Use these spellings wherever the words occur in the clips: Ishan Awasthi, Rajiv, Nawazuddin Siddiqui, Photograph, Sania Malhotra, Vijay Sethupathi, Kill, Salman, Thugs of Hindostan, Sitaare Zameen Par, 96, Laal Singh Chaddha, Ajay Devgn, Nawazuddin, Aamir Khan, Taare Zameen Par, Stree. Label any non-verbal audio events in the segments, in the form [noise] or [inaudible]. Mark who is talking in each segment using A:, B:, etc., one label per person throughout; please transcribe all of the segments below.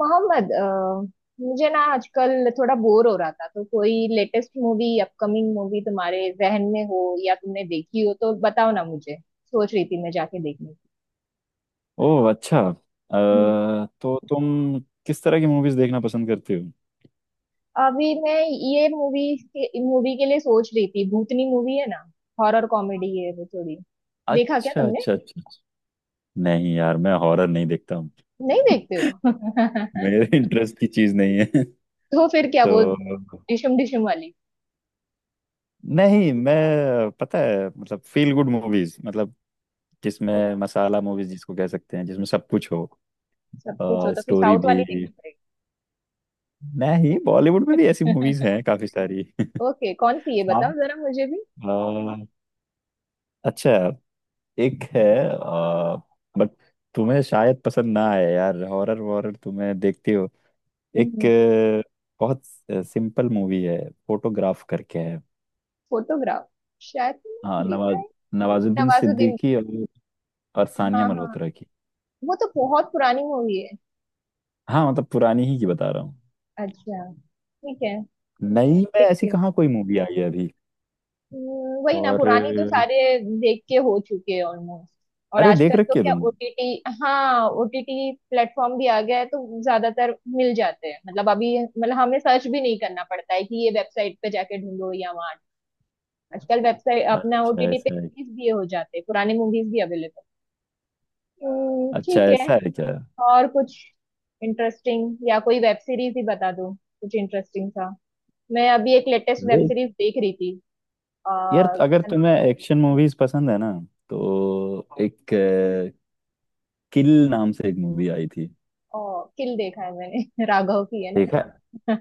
A: मोहम्मद मुझे ना आजकल थोड़ा बोर हो रहा था तो कोई लेटेस्ट मूवी अपकमिंग मूवी तुम्हारे जहन में हो या तुमने देखी हो तो बताओ ना। मुझे सोच रही थी मैं जाके देखने की।
B: ओह अच्छा
A: हम्म।
B: तो तुम किस तरह की मूवीज देखना पसंद करते हो।
A: अभी मैं ये मूवी के लिए सोच रही थी। भूतनी मूवी है ना, हॉरर कॉमेडी है वो थोड़ी। देखा क्या
B: अच्छा
A: तुमने?
B: अच्छा अच्छा। नहीं यार मैं हॉरर नहीं देखता हूँ।
A: नहीं देखते हो [laughs]
B: मेरे [laughs] इंटरेस्ट की चीज नहीं है। [laughs]
A: तो फिर क्या वो
B: तो
A: डिशम डिशम वाली?
B: नहीं मैं पता है मतलब फील गुड मूवीज, मतलब जिसमें मसाला मूवीज जिसको कह सकते हैं जिसमें सब कुछ हो,
A: सब कुछ हो तो फिर
B: स्टोरी
A: साउथ
B: भी।
A: वाली देखना
B: नहीं बॉलीवुड में भी ऐसी मूवीज
A: पड़ेगा।
B: हैं काफी सारी। [laughs]
A: [laughs] ओके कौन सी है
B: हाँ,
A: बताओ जरा मुझे
B: अ, अच्छा, एक है, आ, बट तुम्हें शायद पसंद ना आए यार, हॉरर वॉरर तुम्हें देखती हो। एक
A: भी।
B: बहुत सिंपल मूवी है, फोटोग्राफ करके है।
A: फोटोग्राफ शायद
B: हाँ
A: तुमने देखा
B: नवाज,
A: है,
B: नवाजुद्दीन
A: नवाजुद्दीन की।
B: सिद्दीकी और सानिया
A: हाँ हाँ,
B: मल्होत्रा की।
A: वो तो बहुत पुरानी मूवी है।
B: हाँ मतलब पुरानी ही की बता रहा हूँ।
A: अच्छा ठीक है,
B: नई में ऐसी
A: देखती हूँ।
B: कहाँ कोई मूवी आई है अभी।
A: वही ना,
B: और
A: पुरानी तो सारे देख के हो चुके हैं ऑलमोस्ट। और
B: अरे देख
A: आजकल तो
B: रखी है
A: क्या
B: तुम।
A: ओटीटी, हाँ ओटीटी प्लेटफॉर्म भी आ गया है तो ज्यादातर मिल जाते हैं। मतलब अभी मतलब हमें सर्च भी नहीं करना पड़ता है कि ये वेबसाइट पे जाके ढूंढो या वहाँ। आजकल वेबसाइट अपना
B: अच्छा
A: ओटीटी पे
B: ऐसा है।
A: release भी हो जाते हैं, पुराने मूवीज भी अवेलेबल।
B: अच्छा
A: ठीक है।
B: ऐसा है क्या।
A: और कुछ इंटरेस्टिंग या कोई वेब सीरीज ही बता दो कुछ इंटरेस्टिंग सा। मैं अभी एक लेटेस्ट वेब
B: वे-
A: सीरीज देख रही थी। आ,
B: यार अगर तुम्हें एक्शन मूवीज पसंद है ना, तो एक किल नाम से एक मूवी आई थी।
A: ओ, किल देखा है मैंने [laughs] राघव की है ना।
B: देखा है?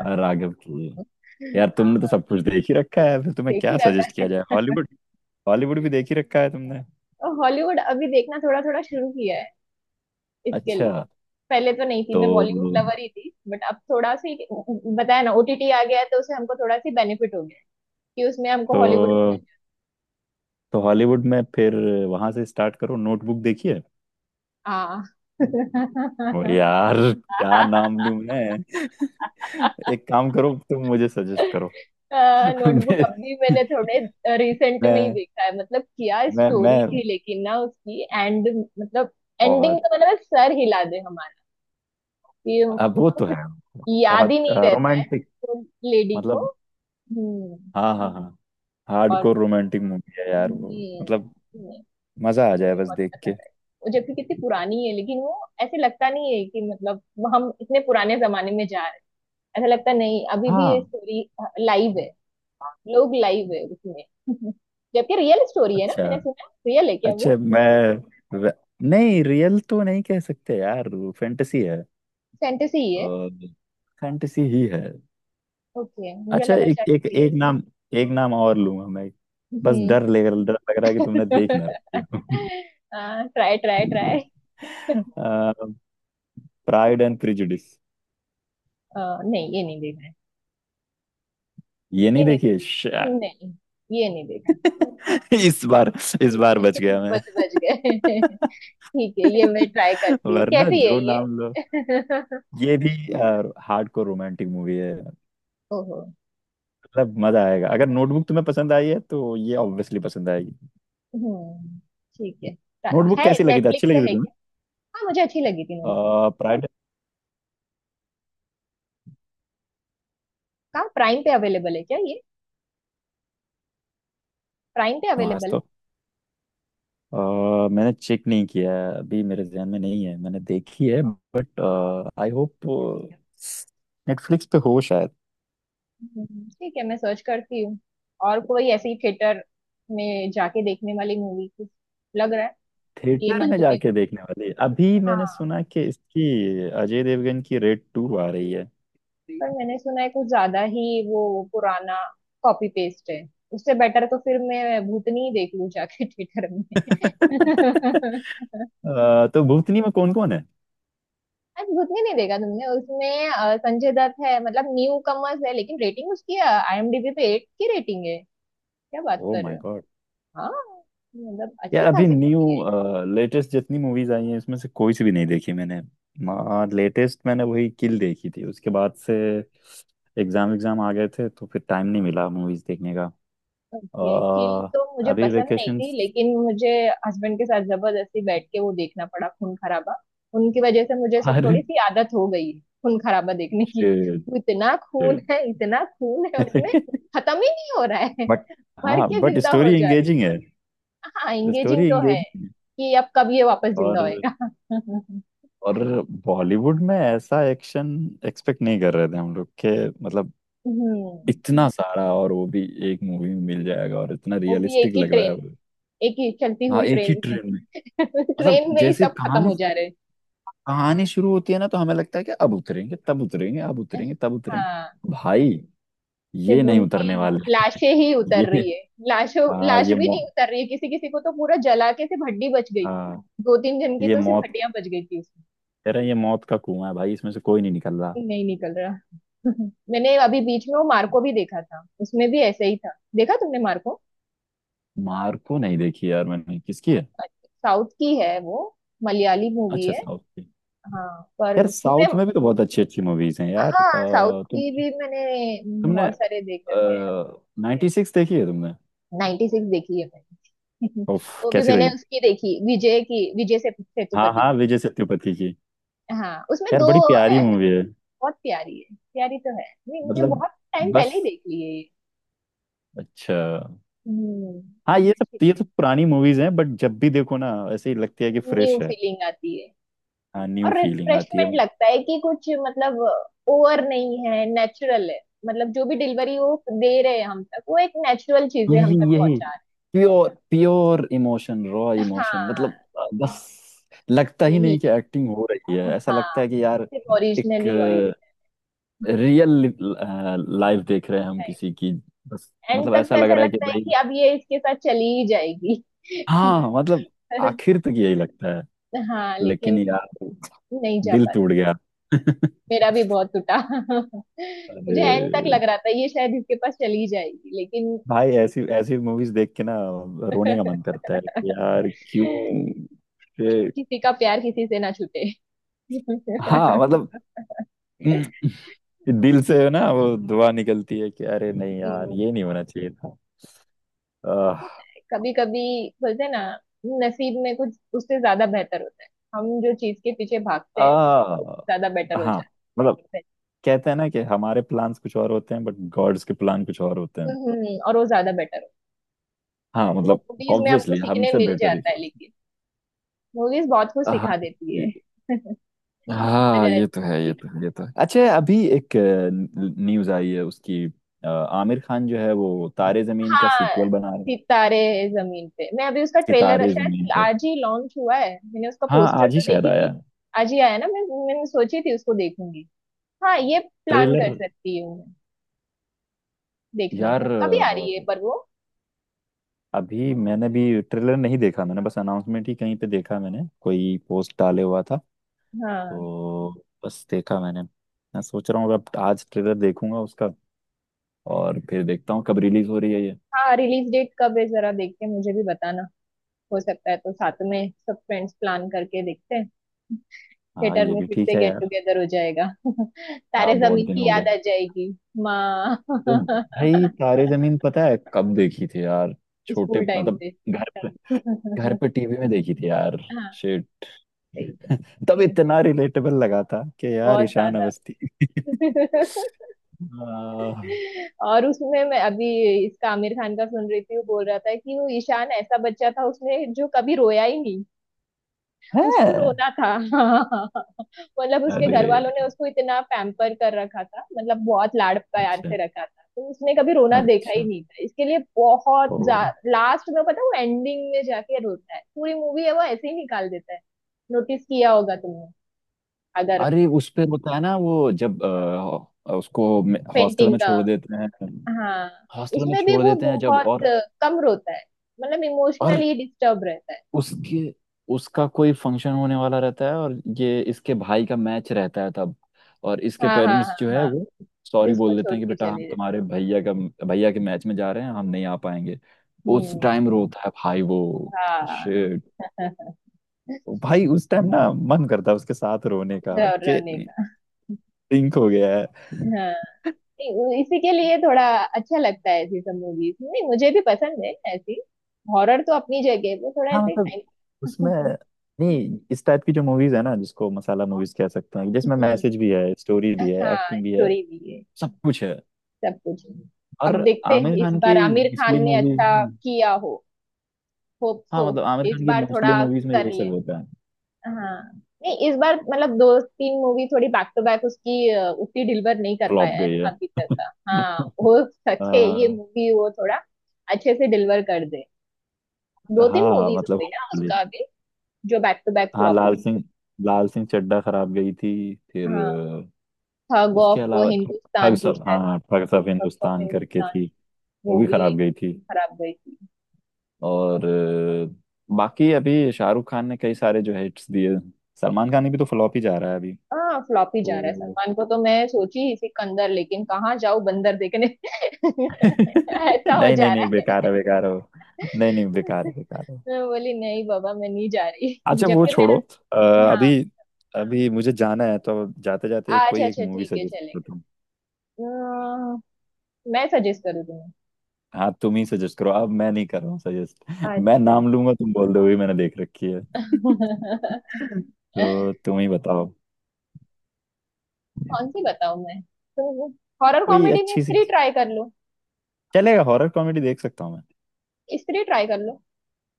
B: राघव की।
A: [laughs]
B: यार तुमने तो
A: हाँ,
B: सब कुछ देख ही रखा है, फिर तुम्हें
A: देख ही
B: क्या
A: रखा
B: सजेस्ट किया जाए,
A: है।
B: हॉलीवुड। हॉलीवुड भी देख ही रखा है तुमने।
A: हॉलीवुड अभी देखना थोड़ा थोड़ा शुरू किया है इसके लिए।
B: अच्छा,
A: पहले तो नहीं थी,
B: तो
A: मैं बॉलीवुड लवर ही थी, बट अब थोड़ा सी बताया ना ओटीटी आ गया है तो उसे हमको थोड़ा सी बेनिफिट हो गया है कि उसमें हमको
B: तो
A: हॉलीवुड भी मिल
B: तो हॉलीवुड में फिर वहां से स्टार्ट करो, नोटबुक देखिए।
A: जाए।
B: ओ यार क्या
A: हाँ।
B: नाम लूं मैं। [laughs]
A: [laughs]
B: एक काम करो तुम मुझे सजेस्ट करो। [laughs]
A: नोटबुक
B: मैं
A: अब भी मैंने थोड़े रिसेंट में ही
B: मैं
A: देखा है। मतलब क्या
B: मैं
A: स्टोरी
B: मैं
A: थी लेकिन ना उसकी एंड, मतलब एंडिंग
B: बहुत,
A: तो मतलब सर हिला दे हमारा कि
B: अब वो
A: उसको
B: तो
A: कुछ
B: है
A: याद ही
B: बहुत
A: नहीं रहता है,
B: रोमांटिक
A: उसको लेडी को।
B: मतलब।
A: हम्म।
B: हाँ हाँ हाँ,
A: और
B: हार्डकोर रोमांटिक मूवी है यार वो। मतलब
A: हम्म, मुझे
B: मजा आ जाए बस
A: बहुत
B: देख
A: पसंद
B: के।
A: आई वो। जबकि कितनी पुरानी है लेकिन वो ऐसे लगता नहीं है कि मतलब हम इतने पुराने जमाने में जा रहे हैं। ऐसा लगता नहीं, अभी भी ये
B: हाँ,
A: स्टोरी लाइव है, लोग लाइव है उसमें। [laughs] जबकि रियल स्टोरी है ना,
B: अच्छा
A: मैंने सुना। रियल है क्या
B: अच्छा,
A: वो?
B: नहीं रियल तो नहीं कह सकते यार, फैंटेसी है।
A: फैंटेसी ही है।
B: और फैंटेसी ही है।
A: ओके मुझे
B: अच्छा,
A: लगा
B: एक
A: शायद
B: एक
A: रियल।
B: एक नाम, एक नाम और लूंगा मैं। बस
A: हम्म।
B: डर लग रहा है कि तुमने देख ना रखी हो।
A: [laughs] Try try try.
B: [laughs] Pride and Prejudice.
A: नहीं ये नहीं देखा है।
B: ये
A: ये
B: नहीं
A: नहीं
B: देखिए। Shit.
A: देखा नहीं, ये नहीं देखा।
B: [laughs] इस बार इस
A: ठीक
B: बार
A: है
B: बच
A: [laughs] इस
B: गया मैं।
A: बच बच गए [laughs] ठीक है, ये मैं ट्राई
B: [laughs] [laughs]
A: करती हूँ,
B: वरना
A: कैसी है
B: जो
A: ये।
B: नाम लो
A: [laughs]
B: ये भी हार्ड कोर रोमांटिक मूवी है,
A: ओहो।
B: मतलब मजा आएगा, अगर नोटबुक तुम्हें पसंद आई है तो ये ऑब्वियसली पसंद आएगी।
A: हम्म ठीक है। ता-
B: नोटबुक
A: है,
B: कैसी लगी थी, अच्छी
A: नेटफ्लिक्स पे
B: लगी थी
A: है क्या?
B: तुम्हें?
A: हाँ मुझे अच्छी लगी थी। नेटफ्लिक्स
B: प्राइड,
A: कहाँ, प्राइम पे अवेलेबल है क्या ये? प्राइम पे
B: आज
A: अवेलेबल है।
B: तो अ, मैंने चेक नहीं किया है, अभी मेरे जहन में नहीं है मैंने देखी है, बट आई होप नेटफ्लिक्स पे हो शायद।
A: ठीक है मैं सर्च करती हूँ। और कोई ऐसी थिएटर में जाके देखने वाली मूवी कुछ लग रहा है ये
B: थिएटर में
A: मंथ में कुछ?
B: जाके देखने वाली है। अभी मैंने
A: हाँ।
B: सुना कि इसकी अजय देवगन की रेड टू आ रही है। [laughs]
A: पर मैंने सुना है कुछ ज्यादा ही वो पुराना कॉपी पेस्ट है। उससे बेटर तो फिर मैं भूतनी ही देख लूँ जाके थिएटर में। [laughs]
B: तो भूतनी में कौन कौन है।
A: आज भूतनी नहीं देखा तुमने? उसमें संजय दत्त है। मतलब न्यू कमर्स है लेकिन रेटिंग उसकी आईएमडीबी पे एट की रेटिंग है। क्या बात
B: ओह
A: कर रहे
B: माय
A: हो।
B: गॉड।
A: हाँ मतलब अच्छी
B: यार अभी
A: खासी
B: न्यू,
A: मूवी है।
B: लेटेस्ट जितनी मूवीज आई हैं इसमें से कोई सी भी नहीं देखी मैंने। लेटेस्ट मैंने वही किल देखी थी, उसके बाद से एग्जाम एग्जाम आ गए थे तो फिर टाइम नहीं मिला मूवीज देखने का।
A: ये किल तो
B: अ,
A: मुझे
B: अभी
A: पसंद नहीं
B: वेकेशन।
A: थी लेकिन मुझे हस्बैंड के साथ जबरदस्ती बैठ के वो देखना पड़ा, खून खराबा। उनकी वजह से मुझे सो- थोड़ी
B: अरे
A: सी आदत हो गई है खून खराबा देखने की।
B: शिट,
A: वो इतना खून
B: शिट।
A: है, इतना खून है उसमें,
B: [laughs]
A: खत्म ही नहीं हो रहा है।
B: बट,
A: मर
B: हाँ
A: के
B: बट
A: जिंदा हो
B: स्टोरी
A: जा रहे हैं।
B: एंगेजिंग है।
A: हाँ
B: स्टोरी
A: एंगेजिंग तो है
B: एंगेजिंग है।
A: कि अब कब ये वापस जिंदा
B: और
A: होएगा [laughs]
B: और बॉलीवुड में ऐसा एक्शन एक्सपेक्ट नहीं कर रहे थे हम लोग के, मतलब
A: हम्म।
B: इतना सारा और वो भी एक मूवी में मिल जाएगा, और इतना
A: वो भी एक
B: रियलिस्टिक
A: ही
B: लग रहा है
A: ट्रेन,
B: वो।
A: एक ही चलती
B: हाँ
A: हुई
B: एक ही
A: ट्रेन में।
B: ट्रेन में,
A: [laughs]
B: मतलब
A: ट्रेन में ही
B: जैसे
A: सब खत्म
B: कहानी,
A: हो जा रहे
B: कहानी शुरू होती है ना, तो हमें लगता है कि अब उतरेंगे तब उतरेंगे, अब
A: हैं।
B: उतरेंगे तब
A: हाँ
B: उतरेंगे, भाई
A: सिर्फ
B: ये नहीं
A: उनकी
B: उतरने वाले।
A: लाशें ही
B: [laughs]
A: उतर
B: ये,
A: रही है। लाशों,
B: हाँ
A: लाश
B: ये
A: भी नहीं उतर रही है, किसी किसी को तो पूरा जला के सिर्फ हड्डी बच गई।
B: हाँ
A: दो तीन जन की
B: ये
A: तो सिर्फ
B: मौत,
A: हड्डियां बच गई थी उसमें।
B: कह रहे हैं, ये मौत का कुआं है भाई, इसमें से कोई नहीं निकल रहा।
A: नहीं निकल रहा [laughs] मैंने अभी बीच में वो मार्को भी देखा था, उसमें भी ऐसे ही था। देखा तुमने मार्को?
B: मार्को नहीं देखी यार मैंने, किसकी है?
A: साउथ की है वो, मलयाली मूवी
B: अच्छा
A: है।
B: साउथ की।
A: हाँ पर
B: यार
A: उसमें।
B: साउथ में भी तो बहुत अच्छी अच्छी मूवीज हैं यार,
A: हाँ साउथ
B: तुम,
A: की भी मैंने
B: तुमने
A: बहुत सारे देख रखे हैं।
B: नाइन्टी सिक्स देखी है तुमने?
A: 96 देखी है मैंने
B: उफ,
A: [laughs] वो भी
B: कैसी
A: मैंने
B: लगी।
A: उसकी देखी, विजय की, विजय से
B: हाँ
A: सेतुपति।
B: हाँ विजय सेतुपति की।
A: हाँ उसमें
B: यार
A: दो
B: बड़ी प्यारी मूवी है,
A: बहुत प्यारी है, प्यारी तो है। मैं- मैंने
B: मतलब
A: बहुत टाइम पहले ही
B: बस
A: देख ली है ये।
B: अच्छा।
A: हम्म।
B: हाँ ये सब, ये सब पुरानी मूवीज हैं बट जब भी देखो ना ऐसे ही लगती है कि
A: न्यू
B: फ्रेश है।
A: फीलिंग आती है।
B: हाँ न्यू
A: और
B: फीलिंग आती है,
A: रिफ्रेशमेंट
B: मतलब
A: लगता है कि कुछ मतलब ओवर नहीं है, नेचुरल है। मतलब जो भी डिलीवरी वो दे रहे हैं हम तक, वो एक नेचुरल चीजें हम
B: यही
A: तक
B: यही,
A: पहुंचा रहे हैं।
B: प्योर प्योर इमोशन, रॉ
A: [laughs] हाँ
B: इमोशन, मतलब बस लगता ही
A: यही
B: नहीं कि
A: है।
B: एक्टिंग हो रही है, ऐसा लगता
A: हाँ
B: है कि यार
A: सिर्फ
B: एक
A: ओरिजिनली ओरिजिनल।
B: रियल लाइफ देख रहे हैं हम किसी की, बस
A: एंड
B: मतलब
A: तक तो
B: ऐसा लग
A: ऐसा
B: रहा है कि
A: लगता है
B: भाई।
A: कि अब ये इसके साथ चली ही जाएगी [laughs]
B: हाँ मतलब
A: पर
B: आखिर तक यही लगता है,
A: हाँ,
B: लेकिन
A: लेकिन
B: यार
A: नहीं जा
B: दिल
A: पाती।
B: टूट गया। [laughs]
A: मेरा भी बहुत टूटा [laughs]
B: अरे
A: मुझे एंड तक लग रहा था ये शायद इसके पास चली जाएगी लेकिन।
B: भाई, ऐसी ऐसी मूवीज देख के ना रोने का मन
A: [laughs]
B: करता है कि यार क्यों ये-
A: किसी का प्यार किसी से ना छूटे।
B: हाँ मतलब, [clears throat] दिल से ना वो दुआ निकलती है कि अरे नहीं यार ये नहीं होना चाहिए था। आह,
A: कभी कभी बोलते हैं ना, नसीब में कुछ उससे ज्यादा बेहतर होता है। हम जो चीज के पीछे भागते हैं वो ज्यादा बेटर
B: आह,
A: हो
B: हाँ
A: जाता
B: मतलब
A: है।
B: कहते हैं ना कि हमारे प्लान्स कुछ और होते हैं बट गॉड्स के प्लान कुछ और होते हैं।
A: और वो ज्यादा बेटर हो।
B: हाँ
A: वो
B: मतलब
A: मूवीज में हमको
B: ऑब्वियसली
A: सीखने
B: हमसे
A: मिल
B: बेटर ही
A: जाता है
B: सोचते
A: लेकिन, मूवीज बहुत कुछ
B: हैं। हाँ
A: सिखा देती है [laughs]
B: हाँ
A: अगर
B: ये
A: अच्छे
B: तो
A: से
B: है, ये
A: सीखे।
B: तो है, ये तो है। अच्छा अभी एक न्यूज आई है उसकी, आमिर खान जो है वो तारे जमीन का
A: हाँ।
B: सीक्वल बना रहे हैं।
A: सितारे जमीन पे, मैं अभी उसका ट्रेलर
B: सितारे जमीन
A: शायद
B: पर।
A: आज ही लॉन्च हुआ है, मैंने उसका
B: हाँ
A: पोस्टर
B: आज ही
A: तो
B: शायद
A: देखी
B: आया
A: थी। आज ही आया ना। मैं मैंने सोची थी उसको देखूंगी। हाँ ये प्लान
B: ट्रेलर।
A: कर सकती हूँ मैं देखने का,
B: यार
A: कभी आ रही है पर वो।
B: अभी मैंने भी ट्रेलर नहीं देखा, मैंने बस अनाउंसमेंट ही कहीं पे देखा, मैंने कोई पोस्ट डाले हुआ था,
A: हाँ
B: तो बस देखा मैंने। मैं सोच रहा हूँ अब आज ट्रेलर देखूंगा उसका, और फिर देखता हूँ कब रिलीज हो रही है ये।
A: हाँ। रिलीज डेट कब है जरा देख के मुझे भी बताना। हो सकता है तो साथ में सब फ्रेंड्स प्लान करके देखते हैं।
B: हाँ
A: थिएटर
B: ये
A: में
B: भी
A: फिर
B: ठीक
A: से
B: है
A: गेट
B: यार।
A: टुगेदर हो जाएगा [laughs] तारे
B: हाँ बहुत
A: जमीन
B: दिन
A: की
B: हो गए।
A: याद आ जाएगी माँ
B: तो
A: [laughs]
B: भाई तारे जमीन पता है कब देखी थी यार, छोटे
A: स्कूल टाइम
B: मतलब
A: से
B: घर पे, घर
A: [laughs]
B: पे टीवी में देखी थी यार।
A: हाँ
B: शिट।
A: सही
B: [laughs] तब
A: है,
B: इतना रिलेटेबल लगा था कि यार
A: बहुत
B: ईशान
A: ज्यादा
B: अवस्थी। [laughs]
A: [laughs]
B: आ,
A: और उसमें मैं अभी इसका आमिर खान का सुन रही थी, वो बोल रहा था कि वो ईशान ऐसा बच्चा था उसने जो कभी रोया ही नहीं, उसको
B: है
A: रोना था [laughs] मतलब उसके
B: अरे,
A: घर वालों ने उसको इतना पैम्पर कर रखा था, मतलब बहुत लाड प्यार
B: अच्छा
A: से रखा था तो उसने कभी रोना देखा ही
B: अच्छा,
A: नहीं था इसके लिए बहुत।
B: ओ,
A: लास्ट में पता है वो एंडिंग में जाके रोता है, पूरी मूवी है वो ऐसे ही निकाल देता है। नोटिस किया होगा तुमने अगर।
B: अरे उस पे होता है ना वो जब उसको हॉस्टल
A: पेंटिंग
B: में
A: का।
B: छोड़ देते हैं,
A: हाँ
B: हॉस्टल में
A: उसमें भी
B: छोड़
A: वो
B: देते हैं जब,
A: बहुत कम रोता है, मतलब
B: और
A: इमोशनली डिस्टर्ब रहता है।
B: उसके, उसका कोई फंक्शन होने वाला रहता है और ये इसके भाई का मैच रहता है तब, और इसके
A: हाँ हाँ
B: पेरेंट्स
A: हाँ
B: जो है
A: हाँ,
B: वो
A: तो
B: सॉरी
A: इसको
B: बोल देते
A: छोड़
B: हैं कि
A: के
B: बेटा हम
A: चले
B: तुम्हारे
A: जाते
B: भैया का, भैया के मैच में जा रहे हैं, हम नहीं आ पाएंगे।
A: हैं।
B: उस
A: हम्म।
B: टाइम रोता है भाई वो।
A: हाँ
B: शिट।
A: [laughs]
B: भाई उस टाइम ना मन करता है उसके साथ रोने का
A: और
B: कि
A: रोने का।
B: सिंक हो गया है।
A: हाँ। नहीं, इसी के लिए थोड़ा अच्छा लगता है ऐसी सब मूवीज। नहीं मुझे भी पसंद है ऐसी। हॉरर तो अपनी जगह है, वो थोड़ा
B: हाँ
A: ऐसे
B: मतलब उसमें,
A: टाइम। [laughs]
B: नहीं इस टाइप की जो मूवीज है ना जिसको मसाला मूवीज कह सकते हैं, जिसमें मैसेज भी
A: हम्म।
B: है, स्टोरी भी है,
A: हाँ
B: एक्टिंग भी है,
A: स्टोरी भी है,
B: सब कुछ है।
A: सब कुछ है।
B: और
A: अब देखते हैं
B: आमिर
A: इस
B: खान की
A: बार आमिर
B: मोस्टली
A: खान ने
B: मूवीज
A: अच्छा
B: में,
A: किया हो। होप
B: हाँ
A: सो।
B: मतलब आमिर
A: इस
B: खान की
A: बार
B: मोस्टली
A: थोड़ा
B: मूवीज में
A: कर
B: यही
A: ले।
B: सब होता है।
A: हाँ नहीं इस बार मतलब दो तीन मूवी थोड़ी बैक टू बैक उसकी उतनी डिलीवर नहीं कर
B: फ्लॉप
A: पाया है
B: गई
A: ना
B: है।
A: अभी
B: [laughs]
A: तक का, हाँ। हो सके ये
B: अह,
A: मूवी वो थोड़ा अच्छे से डिलीवर कर दे। दो तीन
B: हाँ
A: मूवीज हो
B: मतलब
A: गई ना
B: hopefully।
A: उसका अभी जो बैक टू बैक
B: हाँ
A: फ्लॉप हुई।
B: लाल सिंह, लाल सिंह चड्ढा खराब गई थी फिर,
A: हाँ थग
B: उसके
A: ऑफ
B: अलावा ठग
A: हिंदुस्तान थी
B: सब,
A: शायद।
B: हाँ ठग सब
A: थग ऑफ
B: हिंदुस्तान करके
A: हिंदुस्तान
B: थी, वो
A: वो
B: भी
A: भी
B: खराब गई थी।
A: खराब गई थी।
B: और बाकी अभी शाहरुख खान ने कई सारे जो हिट्स दिए, सलमान खान भी तो फ्लॉप ही जा रहा है अभी।
A: हाँ फ्लॉप ही जा रहा है,
B: तो
A: सलमान को तो मैं सोची इसी कंदर लेकिन कहाँ जाऊँ बंदर देखने [laughs] ऐसा हो
B: नहीं नहीं
A: जा रहा
B: नहीं बेकार है, बेकार है वो।
A: है।
B: नहीं नहीं बेकार है बेकार है।
A: मैं बोली नहीं बाबा मैं नहीं जा रही [laughs]
B: अच्छा वो
A: जबकि मेरा।
B: छोड़ो, अ,
A: हाँ।
B: अभी अभी मुझे जाना है तो जाते जाते
A: आज
B: कोई एक
A: अच्छा
B: मूवी
A: ठीक है
B: सजेस्ट करो तुम।
A: चलेगा। अम्म, मैं सजेस्ट करूँ तुम्हें?
B: हाँ तुम ही सजेस्ट करो, अब मैं नहीं कर रहा हूँ सजेस्ट, मैं
A: अच्छा
B: नाम लूंगा तुम बोल दोगे मैंने देख रखी है। [laughs]
A: [laughs]
B: तो तुम ही बताओ
A: कौन सी बताऊँ मैं तुम हॉरर
B: कोई
A: कॉमेडी में
B: अच्छी सी।
A: स्त्री ट्राई कर लो।
B: चलेगा हॉरर कॉमेडी देख सकता हूँ मैं।
A: स्त्री ट्राई कर लो,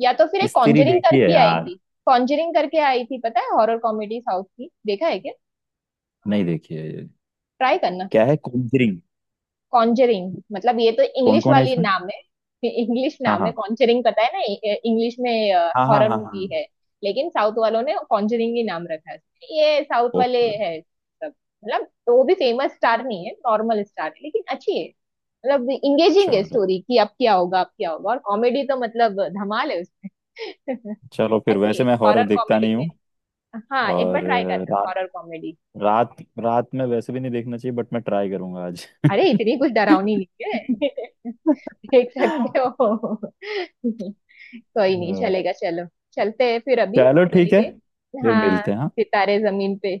A: या तो फिर एक
B: स्त्री
A: कॉन्जरिंग
B: देखी है
A: करके आई
B: यार।
A: थी। कॉन्जरिंग करके आई थी पता है, हॉरर कॉमेडी साउथ की, देखा है क्या?
B: नहीं देखी है ये।
A: ट्राई करना।
B: क्या है कॉन्जरिंग,
A: कॉन्जरिंग मतलब ये तो
B: कौन
A: इंग्लिश
B: कौन है
A: वाली
B: इसमें।
A: नाम है, इंग्लिश
B: हाँ
A: नाम है
B: हाँ
A: कॉन्जरिंग पता है ना, इंग्लिश में
B: हाँ हाँ।
A: हॉरर
B: हाँ
A: मूवी
B: हाँ।
A: है, लेकिन साउथ वालों ने कॉन्जरिंग ही नाम रखा है, ये साउथ वाले
B: ओके।
A: है सब। मतलब तो वो भी फेमस स्टार नहीं है, नॉर्मल स्टार है, लेकिन अच्छी है, मतलब इंगेजिंग है
B: चलो,
A: स्टोरी कि अब क्या होगा अब क्या होगा, और कॉमेडी तो मतलब धमाल है उसमें
B: चलो
A: [laughs]
B: फिर,
A: अच्छी
B: वैसे
A: है
B: मैं हॉरर
A: हॉरर
B: देखता
A: कॉमेडी
B: नहीं
A: में,
B: हूँ।
A: हाँ एक बार
B: और
A: ट्राई
B: अ,
A: करना
B: रात
A: हॉरर कॉमेडी।
B: रात रात में वैसे भी नहीं देखना चाहिए, बट मैं ट्राई करूंगा आज।
A: अरे इतनी कुछ डरावनी
B: [laughs]
A: नहीं है [laughs] देख सकते हो [laughs] कोई नहीं
B: अ,
A: चलेगा, चलो चलते हैं फिर अभी
B: चलो
A: के
B: ठीक है,
A: लिए।
B: फिर
A: हाँ
B: मिलते हैं हाँ।
A: सितारे जमीन पे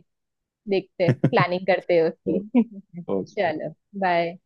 A: देखते,
B: [laughs]
A: प्लानिंग करते हैं उसकी। [laughs]
B: ओके।
A: चलो बाय।